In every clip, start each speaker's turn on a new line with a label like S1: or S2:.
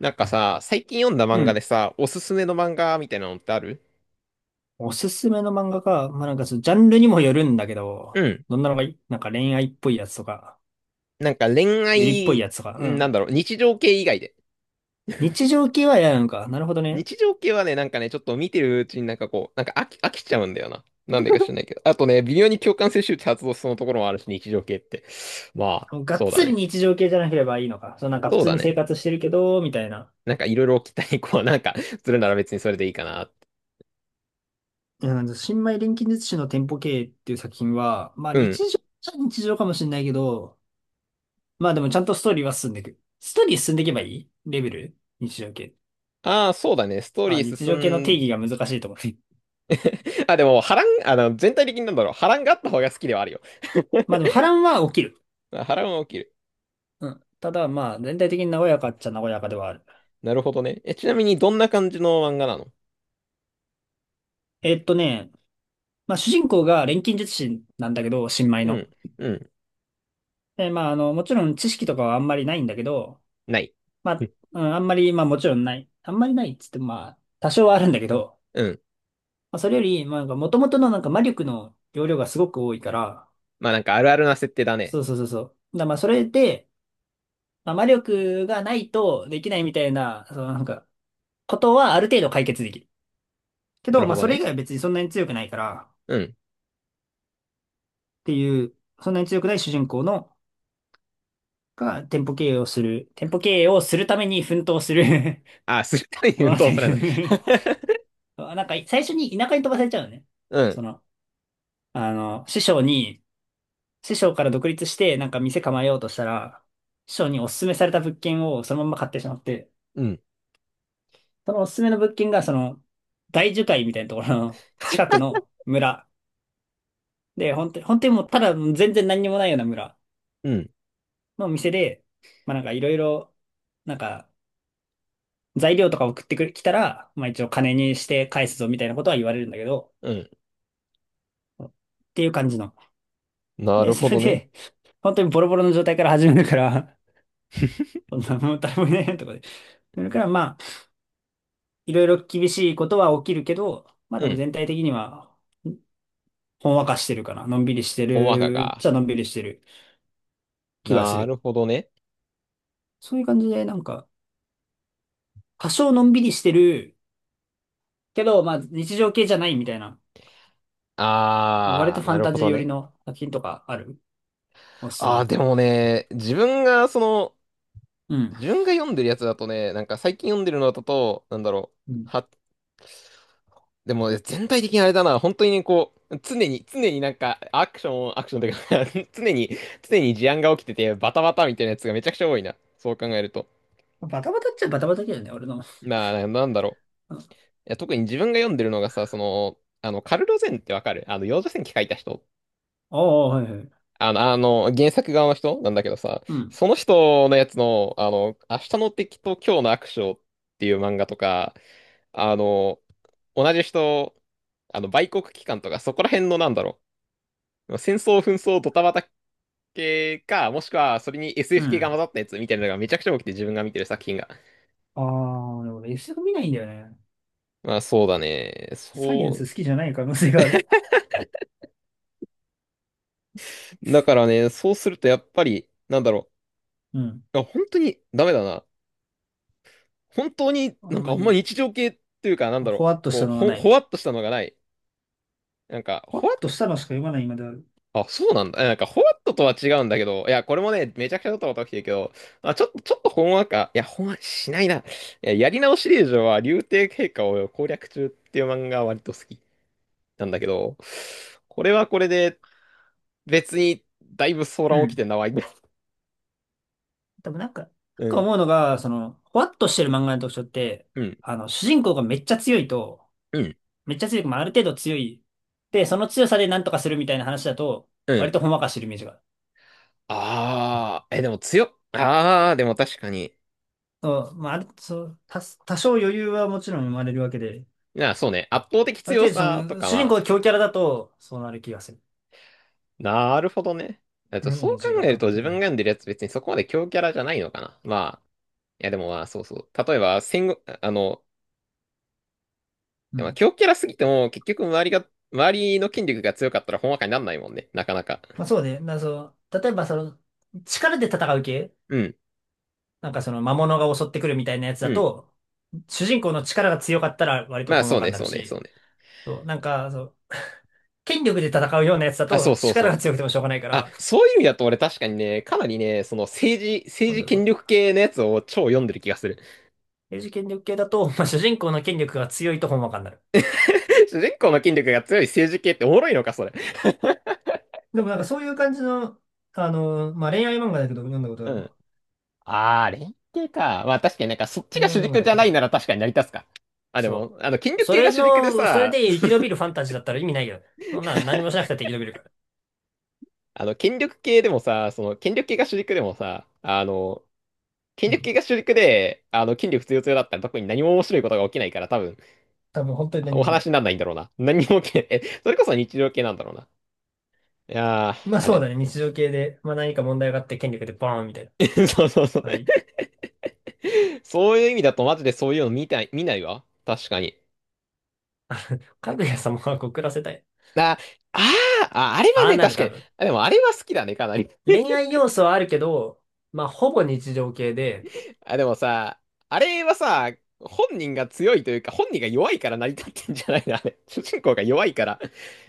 S1: なんかさ、最近読んだ
S2: う
S1: 漫画で
S2: ん。
S1: さ、おすすめの漫画みたいなのってある？
S2: おすすめの漫画か。まあ、なんかそのジャンルにもよるんだけ
S1: う
S2: ど、
S1: ん。
S2: どんなのがいい？なんか恋愛っぽいやつとか、
S1: なんか恋
S2: ゆりっぽい
S1: 愛、
S2: やつとか、う
S1: な
S2: ん。
S1: んだろう、日常系以外で。
S2: 日常系は嫌なのか。なるほどね。
S1: 日常系はね、なんかね、ちょっと見てるうちになんかこう、飽き、飽きちゃうんだよな。なんでか知らないけ ど。あとね、微妙に共感性周知発動しそうなところもあるし、日常系って。まあ、
S2: がっ
S1: そうだ
S2: つり
S1: ね。
S2: 日常系じゃなければいいのか。そう、なんか普
S1: そう
S2: 通
S1: だ
S2: に生
S1: ね。
S2: 活してるけど、みたいな。
S1: なんかいろいろ期待、こう、なんか、するなら別にそれでいいかなって。
S2: うんか新米錬金術師の店舗経営っていう作品は、まあ
S1: うん。
S2: 日常っちゃ日常かもしれないけど、まあでもちゃんとストーリーは進んでいく。ストーリー進んでいけばいいレベル日常系。
S1: ああ、そうだね。ストーリ
S2: あ、
S1: ー
S2: 日常系の
S1: 進
S2: 定
S1: ん、
S2: 義が難しいと思う。
S1: あ、でも、波乱、あの、全体的になんだろう、波乱があった方が好きではあるよ。
S2: まあでも波乱は起きる。
S1: あ、波乱は起きる。
S2: うん。ただ、まあ、全体的に和やかっちゃ和やかではある。
S1: なるほどね。え、ちなみにどんな感じの漫画なの？
S2: えっとね、まあ、主人公が錬金術師なんだけど、新米
S1: う
S2: の。
S1: ん。うん。
S2: で、まあ、もちろん知識とかはあんまりないんだけど、
S1: ない。
S2: ま
S1: う
S2: あ、
S1: ん。
S2: うん、あんまり、まあ、もちろんない。あんまりないっつっても、まあ、多少はあるんだけど、
S1: うん。
S2: まあ、それより、まあ、なんか、元々のなんか魔力の容量がすごく多いから、
S1: まあなんかあるあるな設定だね。
S2: そうそうそうそう。だからまあ、それで、まあ、魔力がないとできないみたいな、そのなんか、ことはある程度解決できる。け
S1: な
S2: ど、
S1: る
S2: ま
S1: ほ
S2: あ、
S1: ど
S2: それ以
S1: ね。
S2: 外は別にそんなに強くないから、
S1: うん。
S2: っていう、そんなに強くない主人公の、が店舗経営をするために奮闘する
S1: あ、するために
S2: 物
S1: 運
S2: 語。
S1: 動するの。
S2: あ、なんか、最初に田舎に飛ばされちゃうのね。
S1: う
S2: そ
S1: ん。
S2: の、あの、師匠に、師匠から独立して、なんか店構えようとしたら、師匠におすすめされた物件をそのまま買ってしまって、
S1: うん。
S2: そのおすすめの物件が、その、大樹海みたいなところの近くの村。で、本当に、本当にもうただ全然何にもないような村
S1: うん。
S2: の店で、まあなんかいろいろ、なんか、材料とか送ってくる、来たら、まあ一応金にして返すぞみたいなことは言われるんだけど、
S1: うん。
S2: っていう感じの。
S1: な
S2: で、
S1: るほ
S2: それ
S1: どね。
S2: で、本当にボロボロの状態から始めるから、そんなもう誰もいないとかで。それからまあ、いろいろ厳しいことは起きるけど、まあ
S1: う
S2: でも
S1: ん。
S2: 全体的には、ほんわかしてるかな。のんびりして
S1: ほんわか
S2: る、じ
S1: か。
S2: ゃのんびりしてる気がす
S1: なる
S2: る。
S1: ほどね。
S2: そういう感じで、なんか、多少のんびりしてるけど、まあ日常系じゃないみたいな、割
S1: あ
S2: と
S1: ー、
S2: ファ
S1: な
S2: ン
S1: る
S2: タ
S1: ほ
S2: ジー
S1: ど
S2: 寄り
S1: ね。
S2: の作品とかある？おすすめ
S1: あー、
S2: の。
S1: でもね、自分がその、
S2: うん。
S1: 自分が読んでるやつだとね、なんか最近読んでるのだと、なんだろう。
S2: うん、
S1: でも全体的にあれだな、本当にね、こう、常に、常になんか、アクション、アクションというか、 常に、常に事案が起きてて、バタバタみたいなやつがめちゃくちゃ多いな。そう考えると。
S2: バタバタっちゃバタバタだよね、俺の。あ
S1: なあ、なんだろう。いや、特に自分が読んでるのがさ、その、あの、カルロゼンってわかる？あの、幼女戦記書いた人。
S2: あ、はいはい。
S1: あの、あの、原作側の人なんだけどさ、
S2: うん。
S1: その人のやつの、あの、明日の敵と今日の悪将っていう漫画とか、あの、同じ人、あの、売国機関とか、そこら辺のなんだろう。戦争、紛争、ドタバタ系か、もしくはそれに
S2: う
S1: SF 系が
S2: ん。
S1: 混ざったやつみたいなのがめちゃくちゃ多くて自分が見てる作品が。
S2: ああ、でも俺 SF 見ないんだよね。
S1: まあそうだね。
S2: サイエンス
S1: そ
S2: 好きじゃない可能性がある。
S1: う。だからね、そうするとやっぱり、なんだろ
S2: うん。
S1: う。あ、本当にダメだな。本当に
S2: あ
S1: なん
S2: ん
S1: か
S2: ま
S1: あんま
S2: り、
S1: 日常系っていうか、なんだろ
S2: ほ
S1: う。
S2: わっとした
S1: こう、
S2: のは
S1: ほ、
S2: な
S1: ほわ
S2: い。
S1: っとしたのがない。なんか、
S2: ほわ
S1: ほ
S2: っ
S1: わっ、
S2: としたのしか読まないまである。
S1: あ、そうなんだ。え、なんか、ほわっととは違うんだけど、いや、これもね、めちゃくちゃドたこタ起きてるけど、あ、ちょっと、ちょっとほんわか、いや、ほんわかしないな。いや、やり直し令嬢は、竜帝陛下を攻略中っていう漫画は割と好きなんだけど、これはこれで、別に、だいぶ騒
S2: う
S1: 乱起き
S2: ん。
S1: てんな、わい。
S2: でもなんか、なん
S1: う
S2: か
S1: ん、
S2: 思うのが、その、ほわっとしてる漫画の特徴って、
S1: うん、
S2: 主人公がめっちゃ強いと、
S1: うん、
S2: めっちゃ強い、まあ、ある程度強い。で、その強さでなんとかするみたいな話だと、
S1: う
S2: 割
S1: ん。
S2: とほんわかしてるイメージがある。
S1: あー、え、でも強っ。あー、でも確かに。
S2: そう、まあ、あるそう、多少余裕はもちろん生まれるわけで、
S1: な、そうね、圧倒的
S2: ある
S1: 強
S2: 程度そ
S1: さと
S2: の、
S1: か
S2: 主人公
S1: は、
S2: が強キャラだと、そうなる気がする。
S1: なるほどね。えっ
S2: イ
S1: と、
S2: メ
S1: そう
S2: ー
S1: 考
S2: ジが
S1: える
S2: 勝
S1: と
S2: 手
S1: 自
S2: に。
S1: 分が読んでるやつ別にそこまで強キャラじゃないのかな。まあ、いや、でもまあ、そうそう。例えば、戦後、あの、
S2: う
S1: まあ、
S2: ん。
S1: 強キャラすぎても、結局周りが、周りの筋力が強かったら、ほんわかになんないもんね。なかなか。
S2: まあそうね。なそう例えばその、力で戦う系
S1: うん。
S2: なんかその魔物が襲ってくるみたいなやつ
S1: う
S2: だ
S1: ん。
S2: と、主人公の力が強かったら割と
S1: まあ、
S2: ほん
S1: そ
S2: わ
S1: う
S2: か
S1: ね、
S2: になる
S1: そうね、そう
S2: し、
S1: ね。
S2: そう、なんか、そう、権力で戦うようなやつだ
S1: あ、そ
S2: と
S1: うそうそ
S2: 力
S1: う。
S2: が強くてもしょうがないか
S1: あ、
S2: ら、
S1: そういう意味だと俺確かにね、かなりね、その政治、
S2: 今
S1: 政治
S2: 度そ
S1: 権
S2: う、
S1: 力系のやつを超読んでる気がする。
S2: 英治権力系だと、まあ、主人公の権力が強いとほんわかになる。
S1: 主人公の筋力が強い政治系っておもろいのか、それ。
S2: でもなんかそういう感じの、まあ、恋愛漫画だけど読んだことが
S1: う
S2: ある
S1: ん。
S2: わ。
S1: あー、連携か。まあ確かになんかそっちが
S2: 恋愛
S1: 主
S2: 漫画
S1: 軸
S2: だ
S1: じゃ
S2: と
S1: な
S2: そ
S1: いな
S2: う
S1: ら確かに成り立つか。あ、で
S2: そ
S1: も、あの、筋
S2: う。
S1: 力系が主軸で
S2: それ
S1: さ、
S2: で生き延びるファンタジーだったら意味ないよ。そんな何もしなくたって生き延びるから。
S1: あの、権力系でもさ、その、権力系が主軸でもさ、あの、権
S2: う
S1: 力
S2: ん。
S1: 系が主軸で、あの、権力強強だったら特に何も面白いことが起きないから多分、
S2: 多分本当に何
S1: お
S2: も起きな
S1: 話
S2: い。
S1: にならないんだろうな。何も起きない。え、それこそ日常系なんだろうな。いやー、
S2: まあ
S1: あ
S2: そう
S1: れ。
S2: だね。日常系で、まあ何か問題があって権力でバーンみたいな。
S1: そうそうそう。
S2: はい。
S1: そういう意味だとマジでそういうの見たい、見ないわ。確かに。
S2: かぐや様は告らせたい。
S1: あ、あー、あ、あれは
S2: ああ
S1: ね、
S2: なる
S1: 確か
S2: 多
S1: に。
S2: 分。
S1: あ、でもあれは好きだね、かなり。
S2: 恋愛要素はあるけど、まあほぼ日常系で、
S1: あ、でもさ、あれはさ、本人が強いというか、本人が弱いから成り立ってんじゃないの、あれ。主人公が弱いから、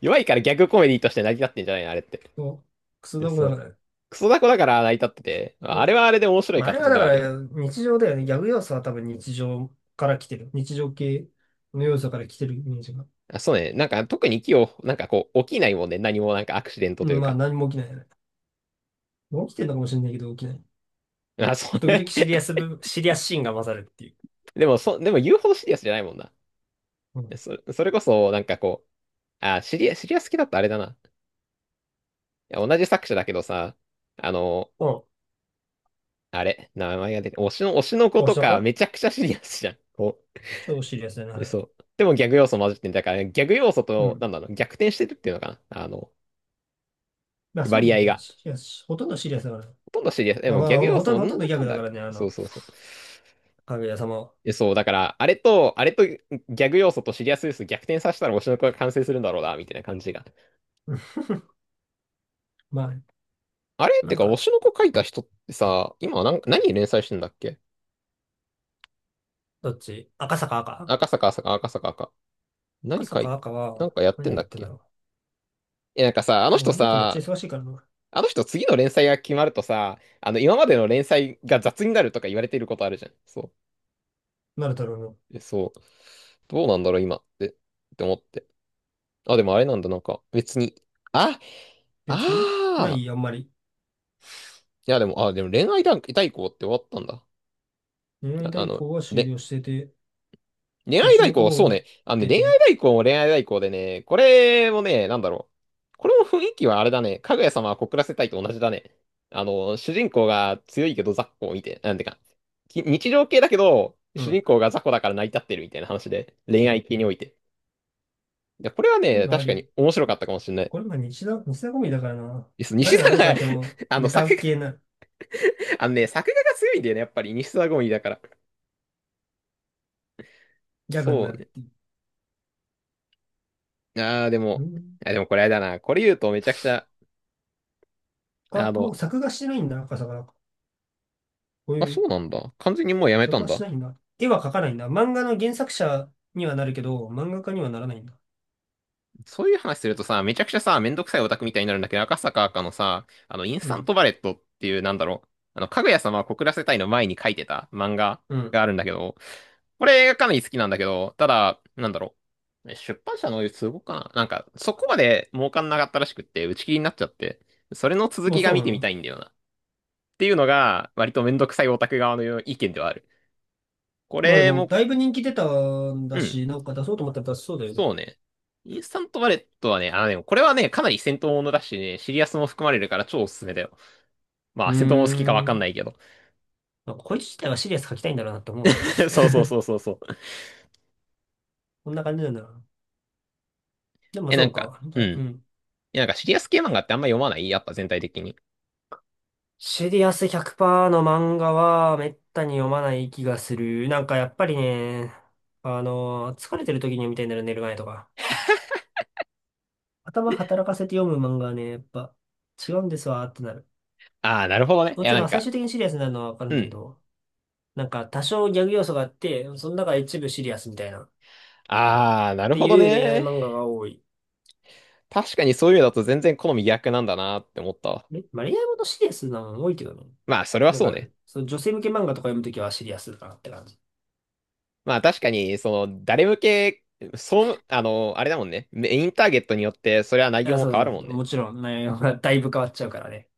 S1: 弱いからギャグコメディとして成り立ってんじゃないの、あれって。
S2: そうクソだも
S1: そ
S2: んだ
S1: う。
S2: から。
S1: クソダコだから成り立ってて、
S2: う
S1: あれ
S2: ん。
S1: はあれで面白い
S2: まああれは
S1: 形
S2: だ
S1: では
S2: か
S1: ある
S2: ら
S1: よね。
S2: 日常だよね。ギャグ要素は多分日常から来てる。日常系の要素から来てるイメージが。
S1: あ、そうね。なんか特に木を、なんかこう、起きないもんね。何もなんかアクシデント
S2: う
S1: とい
S2: ん、
S1: う
S2: まあ
S1: か。
S2: 何も起きないよね。起きてるのかもしれないけど起きない。
S1: あ、そう
S2: 時
S1: ね。
S2: 々シリアス部分、シリアスシーンが混ざるっていう。
S1: でも、そ、でも言うほどシリアスじゃないもんな。
S2: うん。
S1: そ、それこそ、なんかこう、あ、シリア、シリアス好きだったあれだな。いや同じ作者だけどさ、あの、
S2: お、
S1: あれ、名前が出て、推しの、推しの子
S2: どうし
S1: と
S2: た
S1: か
S2: う
S1: めちゃくちゃシリアスじゃん。こ
S2: 超シリアスにな
S1: う。で、そ
S2: る。
S1: う。でもギャグ要素混じってんだから、ギャグ要素
S2: う
S1: と、な
S2: ん。
S1: んだろう、逆転してるっていうのかな。あの、
S2: まあそう
S1: 割
S2: なの
S1: 合
S2: よ。
S1: が。
S2: シリアス、ほとんどシリアスだか
S1: ほ
S2: ら。
S1: とんどシリアス。で
S2: あ
S1: も
S2: ま
S1: ギャ
S2: あ
S1: グ要
S2: ほと
S1: 素
S2: ん
S1: も
S2: ど、
S1: な
S2: ほとん
S1: ん
S2: ど
S1: だ
S2: ギャ
S1: か
S2: グ
S1: ん
S2: だ
S1: だあ
S2: か
S1: る
S2: ら
S1: か。
S2: ね、あ
S1: そう
S2: の、
S1: そうそう。
S2: かぐや様は。
S1: え、そう、だから、あれと、あれとギャグ要素とシリアス要素逆転させたら推しの子が完成するんだろうな、みたいな感じが。
S2: うん、まあ、
S1: あれっ
S2: な
S1: て
S2: ん
S1: か、推
S2: か、
S1: しの子書いた人ってさ、今なん、何連載してんだっけ？
S2: どっち赤坂赤
S1: 赤坂、赤坂、赤坂。赤
S2: 赤
S1: 何書
S2: 坂
S1: い、
S2: 赤
S1: なん
S2: は、
S1: かやって
S2: 何
S1: ん
S2: や
S1: だ
S2: っ
S1: っ
S2: てんだ
S1: け？
S2: ろ
S1: え、なんかさ、あの
S2: う。でも
S1: 人
S2: あの人めっちゃ
S1: さ、
S2: 忙しいからな。
S1: あの人次の連載が決まるとさ、あの今までの連載が雑になるとか言われていることあるじゃん。そ
S2: なるだろうの。
S1: う。え、そう。どうなんだろう今って、って思って。あ、でもあれなんだ、なんか別に。あ、あ
S2: 別にな
S1: あ。
S2: いあんまり。
S1: いやでも、あ、でも恋愛段階代行って終わったんだ。
S2: 恋愛
S1: あ、あ
S2: 代
S1: の、
S2: 行は終
S1: れ、
S2: 了してて、
S1: 恋
S2: 推
S1: 愛
S2: し
S1: 代
S2: の子
S1: 行、
S2: も
S1: そう
S2: 終わ
S1: ね。あ
S2: っ
S1: のね、
S2: て
S1: 恋愛
S2: て、
S1: 代行も恋愛代行でね、これもね、なんだろう。これも雰囲気はあれだね。かぐや様は告らせたいと同じだね。あの、主人公が強いけど雑魚を見て、なんてか、き、日常系だけど、
S2: う
S1: 主人
S2: ん。
S1: 公が雑魚だから成り立ってるみたいな話で、恋愛系において。いやこれは
S2: そうい
S1: ね、
S2: うのあ
S1: 確かに
S2: り、
S1: 面白かったかもしれない。
S2: これも日常コメディだからな。
S1: です
S2: 誰
S1: 西
S2: が
S1: 田
S2: どう書
S1: が、
S2: いても
S1: あの、
S2: ネタ
S1: 作画、
S2: 系な、
S1: あのね、作画が強いんだよね、やっぱり。西田ゴミだから。
S2: ギャグに
S1: そ
S2: な
S1: う
S2: るっ
S1: ね。
S2: ていう。
S1: あー、で
S2: う
S1: も、
S2: ん。
S1: あ、でもこれあれだな。これ言うとめちゃくちゃ、あ
S2: あ、もう
S1: の、
S2: 作画してないんだ、赤坂なんか。こう
S1: あ、
S2: いう、
S1: そうなんだ。完全にもうやめた
S2: 作
S1: ん
S2: 画して
S1: だ。
S2: ないんだ。絵は描かないんだ。漫画の原作者にはなるけど、漫画家にはならないんだ。
S1: そういう話するとさ、めちゃくちゃさ、めんどくさいオタクみたいになるんだけど、赤坂赤のさ、あの、インス
S2: う
S1: タン
S2: ん。
S1: トバレットっていう、なんだろう。あの、かぐや様は告らせたいの前に書いてた漫画
S2: うん。
S1: があるんだけど、これがかなり好きなんだけど、ただ、なんだろう。出版社の都合かななんか、そこまで儲かんなかったらしくって、打ち切りになっちゃって、それの続
S2: まあ
S1: きが
S2: そう
S1: 見
S2: な
S1: てみた
S2: の。
S1: いんだよな。っていうのが、割とめんどくさいオタク側の意見ではある。こ
S2: まあで
S1: れ
S2: も、
S1: も、
S2: だいぶ人気出たん
S1: う
S2: だ
S1: ん。
S2: し、なんか出そうと思ったら出しそうだよね。
S1: そうね。インスタントバレットはね、あのね、これはね、かなり戦闘ものだしね、シリアスも含まれるから超おすすめだよ。ま
S2: う
S1: あ、
S2: ー
S1: 戦闘もの好きかわかんな
S2: ん。
S1: いけど。
S2: まあ、こいつ自体はシリアス描きたいんだろうなって思う。
S1: そうそうそうそうそう。
S2: こんな感じなんだろうな。でも
S1: え、な
S2: そ
S1: ん
S2: う
S1: か、
S2: か。じ
S1: うん。
S2: ゃあ、
S1: い
S2: うん。
S1: や、なんかシリアス系漫画ってあんま読まないやっぱ全体的に。
S2: シリアス100%の漫画はめったに読まない気がする。なんかやっぱりね、あの、疲れてる時に読みたいんだよね、寝る前とか。頭働かせて読む漫画はね、やっぱ違うんですわーってなる。
S1: ああ、なるほどね。い
S2: も
S1: や、
S2: ち
S1: な
S2: ろ
S1: ん
S2: ん最
S1: か、
S2: 終的にシリアスになるのはわかるんだ
S1: う
S2: け
S1: ん。
S2: ど、なんか多少ギャグ要素があって、その中で一部シリアスみたいな、っ
S1: ああ、なる
S2: て
S1: ほど
S2: いう恋愛
S1: ね。
S2: 漫画が多い。
S1: 確かにそういうのだと全然好み逆なんだなって思ったわ。
S2: え、まあ、恋愛ものシリアスなの多いけどね。
S1: まあ、それは
S2: なん
S1: そう
S2: か、
S1: ね。
S2: その女性向け漫画とか読むときはシリアスだなって感じ。
S1: まあ、確かに、その、誰向け、そう、あの、あれだもんね。メインターゲットによって、それは内容
S2: あ、
S1: も
S2: そう
S1: 変わ
S2: そ
S1: る
S2: う
S1: も
S2: そ
S1: ん
S2: う。
S1: ね。
S2: もちろん内容がだいぶ変わっちゃうからね。